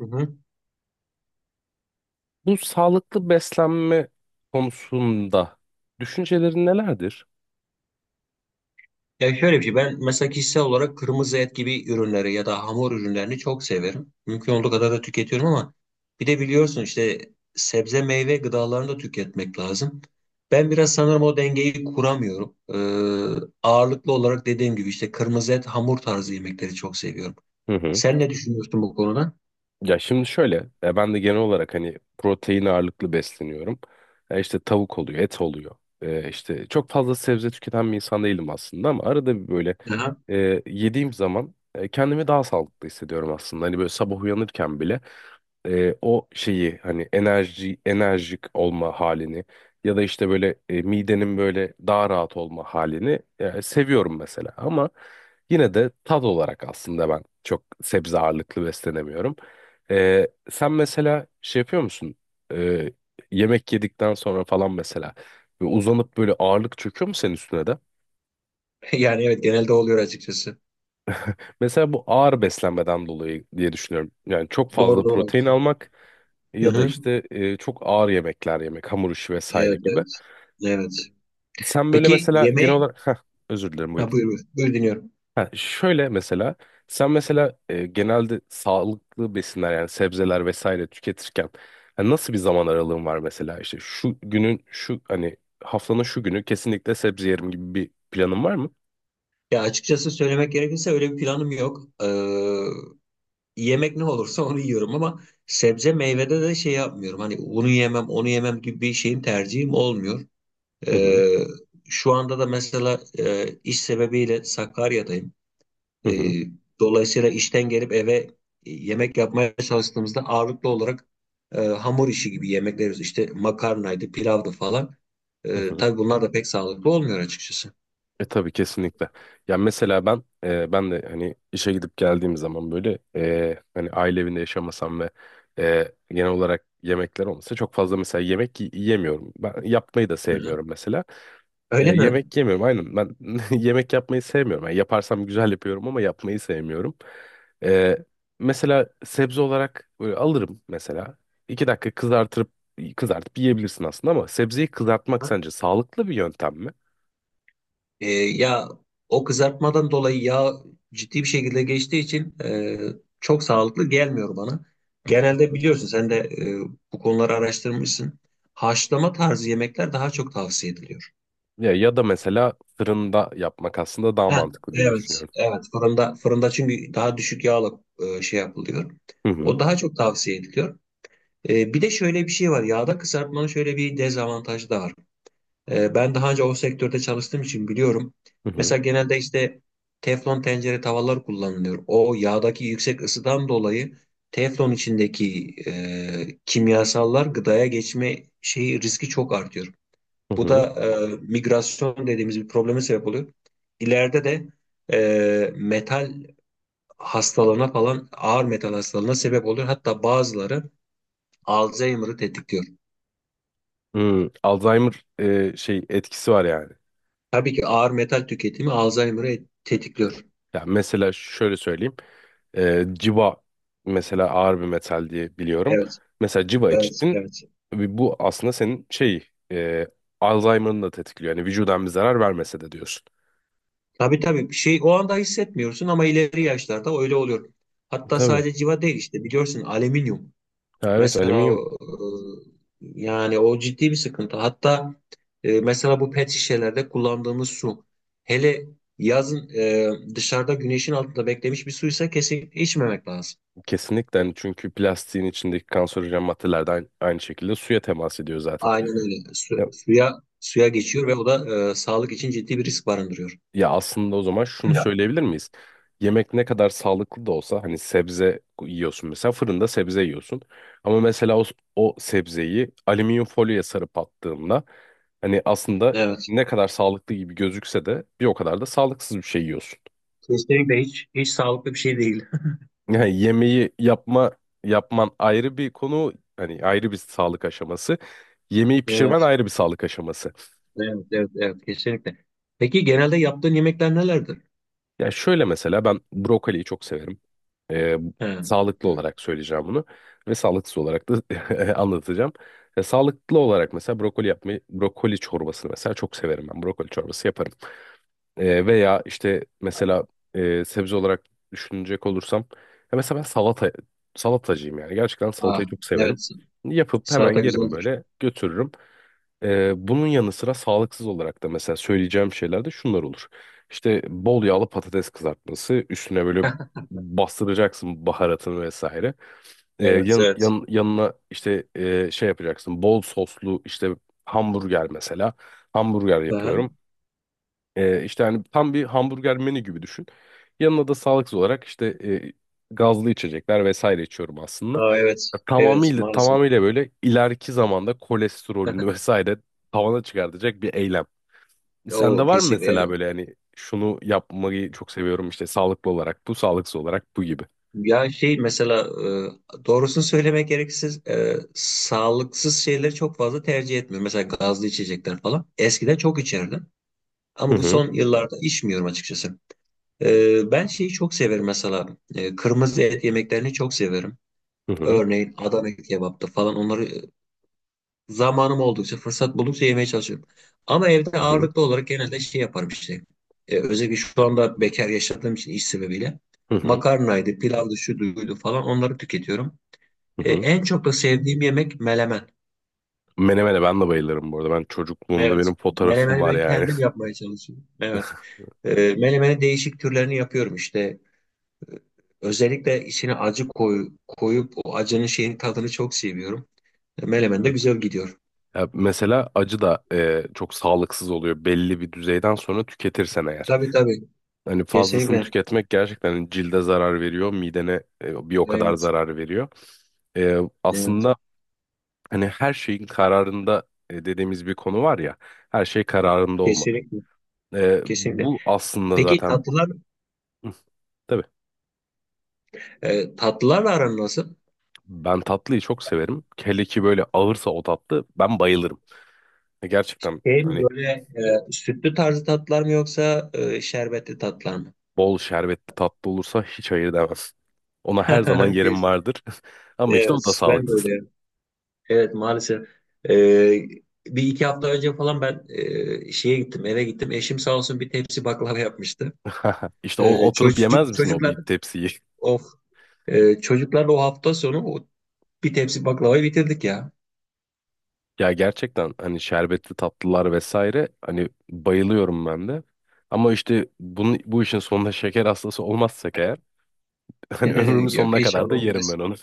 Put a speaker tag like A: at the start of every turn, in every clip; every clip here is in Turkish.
A: Hı hı.
B: Bu sağlıklı beslenme konusunda düşüncelerin nelerdir?
A: Ya şöyle bir şey ben mesela kişisel olarak kırmızı et gibi ürünleri ya da hamur ürünlerini çok severim. Mümkün olduğu kadar da tüketiyorum ama bir de biliyorsun işte sebze meyve gıdalarını da tüketmek lazım. Ben biraz sanırım o dengeyi kuramıyorum. Ağırlıklı olarak dediğim gibi işte kırmızı et hamur tarzı yemekleri çok seviyorum.
B: Hı hı.
A: Sen ne düşünüyorsun bu konuda?
B: Ya şimdi şöyle, ben de genel olarak hani protein ağırlıklı besleniyorum. E işte tavuk oluyor, et oluyor. E işte çok fazla sebze tüketen bir insan değilim aslında ama arada bir böyle
A: Aha.
B: yediğim zaman kendimi daha sağlıklı hissediyorum aslında. Hani böyle sabah uyanırken bile. O şeyi hani enerjik olma halini ya da işte böyle midenin böyle daha rahat olma halini seviyorum mesela ama yine de tat olarak aslında ben çok sebze ağırlıklı beslenemiyorum. E, sen mesela şey yapıyor musun? E, Yemek yedikten sonra falan mesela ve uzanıp böyle ağırlık çöküyor mu senin üstüne de?
A: Yani evet genelde oluyor açıkçası.
B: Mesela bu ağır beslenmeden dolayı diye düşünüyorum. Yani çok fazla
A: Doğru doğru,
B: protein
A: haklısın.
B: almak
A: Hı
B: ya da
A: hı.
B: işte çok ağır yemekler yemek, hamur işi vesaire
A: Evet
B: gibi.
A: evet. Evet.
B: Sen böyle
A: Peki
B: mesela genel
A: yemeği...
B: olarak... özür dilerim
A: Ha,
B: buyurun.
A: buyur buyur. Buyur dinliyorum.
B: Ha, şöyle mesela sen mesela genelde sağlıklı besinler yani sebzeler vesaire tüketirken ha, nasıl bir zaman aralığın var mesela işte şu günün şu hani haftanın şu günü kesinlikle sebze yerim gibi bir planın var mı?
A: Ya açıkçası söylemek gerekirse öyle bir planım yok. Yemek ne olursa onu yiyorum ama sebze meyvede de şey yapmıyorum. Hani bunu yemem, onu yemem gibi bir şeyim tercihim olmuyor.
B: Hı hı
A: Ee, Şu anda da mesela iş sebebiyle Sakarya'dayım.
B: hı
A: Ee,
B: hı.
A: Dolayısıyla işten gelip eve yemek yapmaya çalıştığımızda ağırlıklı olarak hamur işi gibi yemekler yiyoruz. İşte makarnaydı, pilavdı falan.
B: Hı hı.
A: Tabii bunlar da pek sağlıklı olmuyor açıkçası.
B: E tabii kesinlikle. Ya mesela ben de hani işe gidip geldiğim zaman böyle hani aile evinde yaşamasam ve genel olarak yemekler olmasa çok fazla mesela yemiyorum. Ben yapmayı da
A: Hı hı.
B: sevmiyorum mesela.
A: Öyle
B: E,
A: mi?
B: yemek yemiyorum aynen ben yemek yapmayı sevmiyorum. Yani yaparsam güzel yapıyorum ama yapmayı sevmiyorum. E, mesela sebze olarak böyle alırım mesela. İki dakika kızartıp yiyebilirsin aslında ama sebzeyi kızartmak
A: Ha?
B: sence sağlıklı bir yöntem mi?
A: Ya o kızartmadan dolayı yağ ciddi bir şekilde geçtiği için çok sağlıklı gelmiyor bana. Genelde biliyorsun sen de bu konuları araştırmışsın. Haşlama tarzı yemekler daha çok tavsiye ediliyor.
B: Ya, ya da mesela fırında yapmak aslında daha
A: Heh,
B: mantıklı diye
A: evet,
B: düşünüyorum.
A: evet. Fırında çünkü daha düşük yağla şey yapılıyor.
B: Hı
A: O
B: hı.
A: daha çok tavsiye ediliyor. E, bir de şöyle bir şey var. Yağda kızartmanın şöyle bir dezavantajı da var. Ben daha önce o sektörde çalıştığım için biliyorum.
B: Hı hı.
A: Mesela genelde işte teflon tencere tavalar kullanılıyor. O yağdaki yüksek ısıdan dolayı teflon içindeki kimyasallar gıdaya geçme şeyi riski çok artıyor.
B: Hı
A: Bu da
B: hı.
A: migrasyon dediğimiz bir probleme sebep oluyor. İleride de metal hastalığına falan ağır metal hastalığına sebep oluyor. Hatta bazıları Alzheimer'ı tetikliyor.
B: Hmm, Alzheimer şey etkisi var yani.
A: Tabii ki ağır metal tüketimi Alzheimer'ı tetikliyor.
B: Ya mesela şöyle söyleyeyim. E, civa mesela ağır bir metal diye biliyorum.
A: Evet,
B: Mesela civa
A: evet,
B: içtin.
A: evet.
B: Ve bu aslında senin şey Alzheimer'ını da tetikliyor. Yani vücudan bir zarar vermese de diyorsun.
A: Tabii tabii bir şey o anda hissetmiyorsun ama ileri yaşlarda öyle oluyor. Hatta
B: Tabii.
A: sadece civa değil işte biliyorsun alüminyum.
B: Ya evet
A: Mesela
B: alüminyum
A: yani o ciddi bir sıkıntı. Hatta mesela bu pet şişelerde kullandığımız su. Hele yazın dışarıda güneşin altında beklemiş bir suysa kesinlikle içmemek lazım.
B: kesinlikle yani çünkü plastiğin içindeki kanserojen maddelerden aynı şekilde suya temas ediyor zaten.
A: Aynen öyle. Suya suya geçiyor ve o da sağlık için ciddi bir risk barındırıyor.
B: Ya aslında o zaman şunu
A: Ya.
B: söyleyebilir miyiz? Yemek ne kadar sağlıklı da olsa hani sebze yiyorsun mesela fırında sebze yiyorsun. Ama mesela o, o sebzeyi alüminyum folyoya sarıp attığında hani aslında
A: Evet.
B: ne kadar sağlıklı gibi gözükse de bir o kadar da sağlıksız bir şey yiyorsun.
A: Kesinlikle hiç hiç sağlıklı bir şey değil.
B: Yani yemeği yapma yapman ayrı bir konu hani ayrı bir sağlık aşaması. Yemeği pişirmen
A: Evet,
B: ayrı bir sağlık aşaması.
A: evet, evet, evet, kesinlikle. Peki genelde yaptığın yemekler nelerdir?
B: Ya şöyle mesela ben brokoliyi çok severim. E,
A: He.
B: sağlıklı olarak söyleyeceğim bunu ve sağlıksız olarak da anlatacağım. E, sağlıklı olarak mesela brokoli yapmayı, brokoli çorbasını mesela çok severim ben. Brokoli çorbası yaparım. E, veya işte mesela sebze olarak düşünecek olursam ya mesela ben salatacıyım yani. Gerçekten salatayı
A: Ah,
B: çok severim.
A: evet.
B: Yapıp hemen
A: Salata
B: yerim
A: güzeldir.
B: böyle götürürüm. E, bunun yanı sıra sağlıksız olarak da mesela söyleyeceğim şeyler de şunlar olur. İşte bol yağlı patates kızartması üstüne böyle bastıracaksın baharatını vesaire.
A: Evet, evet.
B: Yanına işte şey yapacaksın bol soslu işte hamburger mesela. Hamburger
A: Aha.
B: yapıyorum. İşte hani tam bir hamburger menü gibi düşün. Yanına da sağlıksız olarak işte gazlı içecekler vesaire içiyorum aslında.
A: Aa, evet, evet,
B: Tamamıyla
A: maalesef.
B: tamamıyla böyle ileriki zamanda kolesterolünü vesaire tavana çıkartacak bir eylem.
A: O
B: Sende var mı
A: kesinlikle,
B: mesela
A: evet.
B: böyle hani şunu yapmayı çok seviyorum işte sağlıklı olarak bu, sağlıksız olarak bu gibi.
A: Ya şey mesela doğrusunu söylemek gerekirse sağlıksız şeyleri çok fazla tercih etmiyorum. Mesela gazlı içecekler falan. Eskiden çok içerdim. Ama
B: Hı
A: bu
B: hı
A: son yıllarda içmiyorum açıkçası. Ben şeyi çok severim mesela. Kırmızı et yemeklerini çok severim.
B: hı hı
A: Örneğin Adana kebaptı falan onları zamanım oldukça, fırsat buldukça yemeye çalışıyorum. Ama evde
B: hı
A: ağırlıklı olarak genelde şey yaparım işte. Özellikle şu anda bekar yaşadığım için iş sebebiyle.
B: hı hı.
A: Makarnaydı, pilavdı, şu duydu falan onları tüketiyorum.
B: Hı hı.
A: En çok da sevdiğim yemek melemen.
B: Menemene ben de bayılırım bu arada. Ben çocukluğumda
A: Evet.
B: benim fotoğrafım
A: Melemeni
B: var
A: ben
B: yani.
A: kendim yapmaya çalışıyorum. Evet. Melemeni değişik türlerini yapıyorum işte. Özellikle içine acı koyup o acının şeyin tadını çok seviyorum. Menemen de güzel gidiyor.
B: Ya mesela acı da çok sağlıksız oluyor belli bir düzeyden sonra tüketirsen eğer.
A: Tabii tabii.
B: Hani fazlasını
A: Kesinlikle.
B: tüketmek gerçekten hani cilde zarar veriyor, midene bir o kadar
A: Evet.
B: zarar veriyor. E,
A: Evet.
B: aslında hani her şeyin kararında dediğimiz bir konu var ya, her şey kararında olmalı.
A: Kesinlikle.
B: E,
A: Kesinlikle.
B: bu aslında
A: Peki
B: zaten
A: tatlılar
B: Hı, tabii
A: tatlılarla aran nasıl?
B: ben tatlıyı çok severim. Hele ki böyle ağırsa o tatlı ben bayılırım. E, gerçekten
A: Şey mi
B: hani
A: böyle sütlü tarzı tatlılar mı yoksa şerbetli tatlılar mı?
B: Bol şerbetli tatlı olursa hiç hayır demez. Ona her zaman yerim
A: Kes-
B: vardır. Ama işte o da
A: Evet. Ben de
B: sağlıksız.
A: öyle. Evet maalesef. E, bir iki hafta önce falan ben şeye gittim eve gittim. Eşim sağ olsun bir tepsi baklava yapmıştı.
B: İşte o oturup yemez misin o
A: Çocuklar
B: bir tepsiyi?
A: Of. Çocuklarla o hafta sonu o bir tepsi baklavayı bitirdik ya.
B: Ya gerçekten hani şerbetli tatlılar vesaire hani bayılıyorum ben de. Ama işte bu işin sonunda şeker hastası olmazsak eğer hani ömrümün
A: Yok
B: sonuna kadar
A: inşallah
B: da yerim
A: olmaz.
B: ben onu.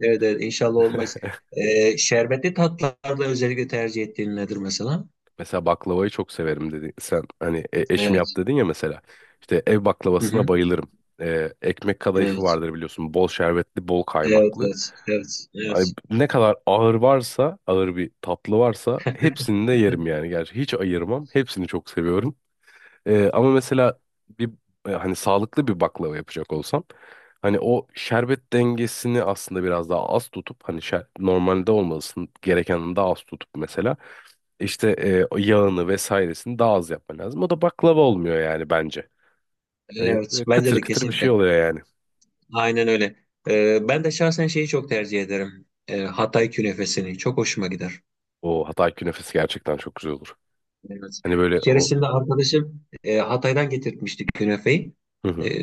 A: Evet evet inşallah olmaz. Şerbetli tatlılarda özellikle tercih ettiğin nedir mesela?
B: Mesela baklavayı çok severim dedin. Sen hani eşim
A: Evet.
B: yap dedin ya mesela. İşte ev
A: Hı
B: baklavasına
A: hı.
B: bayılırım. Ekmek kadayıfı
A: Evet.
B: vardır biliyorsun. Bol şerbetli, bol
A: Evet
B: kaymaklı.
A: evet evet
B: Ay,
A: evet.
B: ne kadar ağır varsa, ağır bir tatlı varsa hepsini de yerim yani. Gerçi hiç ayırmam. Hepsini çok seviyorum. Ama mesela bir hani sağlıklı bir baklava yapacak olsam hani o şerbet dengesini aslında biraz daha az tutup normalde olmasın gerekenin daha az tutup mesela işte o yağını vesairesini daha az yapman lazım. O da baklava olmuyor yani bence. Hani
A: Evet bence
B: kıtır
A: de
B: kıtır bir şey
A: kesinlikle.
B: oluyor yani.
A: Aynen öyle. Ben de şahsen şeyi çok tercih ederim. Hatay künefesini. Çok hoşuma gider.
B: O Hatay künefesi gerçekten çok güzel olur.
A: Evet.
B: Hani
A: Bir
B: böyle o
A: keresinde arkadaşım Hatay'dan getirtmişti künefeyi.
B: Hı
A: E,
B: hı,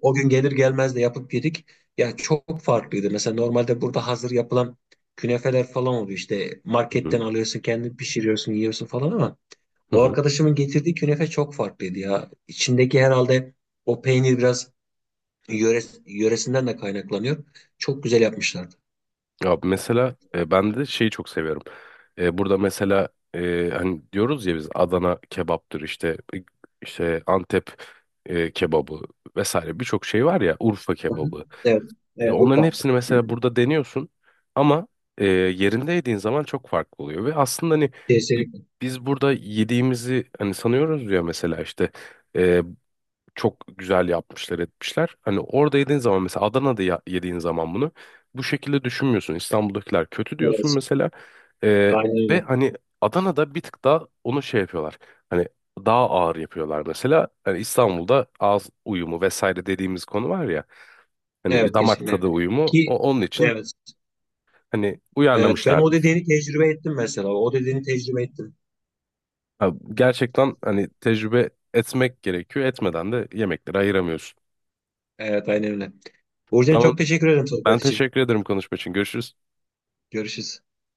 A: O gün gelir gelmez de yapıp yedik. Ya çok farklıydı. Mesela normalde burada hazır yapılan künefeler falan oluyor. İşte
B: hı
A: marketten
B: hı,
A: alıyorsun, kendin pişiriyorsun, yiyorsun falan ama
B: hı
A: o
B: hı.
A: arkadaşımın getirdiği künefe çok farklıydı ya. İçindeki herhalde o peynir biraz yöresinden de kaynaklanıyor. Çok güzel yapmışlardı.
B: Ya mesela ben de şeyi çok seviyorum. E, burada mesela hani diyoruz ya biz Adana kebaptır işte işte Antep kebabı vesaire birçok şey var ya Urfa
A: Hı hı.
B: kebabı.
A: Evet.
B: E,
A: Evet
B: onların
A: Urfa.
B: hepsini mesela burada deniyorsun ama yerinde yediğin zaman çok farklı oluyor ve aslında hani bi-
A: Kesinlikle.
B: biz burada yediğimizi hani sanıyoruz ya mesela işte e, çok güzel yapmışlar etmişler. Hani orada yediğin zaman mesela yediğin zaman bunu bu şekilde düşünmüyorsun. İstanbul'dakiler kötü diyorsun
A: Evet.
B: mesela.
A: Aynen
B: Ve
A: öyle.
B: hani Adana'da bir tık daha onu şey yapıyorlar. Hani daha ağır yapıyorlar mesela. Hani İstanbul'da ağız uyumu vesaire dediğimiz konu var ya. Hani
A: Evet
B: damak tadı
A: kesinlikle.
B: uyumu
A: Ki
B: o onun için
A: evet.
B: hani
A: Evet. Ben
B: uyarlamışlardı.
A: o dediğini tecrübe ettim mesela. O dediğini tecrübe ettim.
B: Ha, gerçekten hani tecrübe etmek gerekiyor. Etmeden de yemekleri ayıramıyorsun.
A: Evet aynen öyle. Burcu'ya
B: Tamam
A: çok teşekkür ederim
B: ben
A: sohbet için.
B: teşekkür ederim konuşma için. Görüşürüz.
A: Görüşürüz.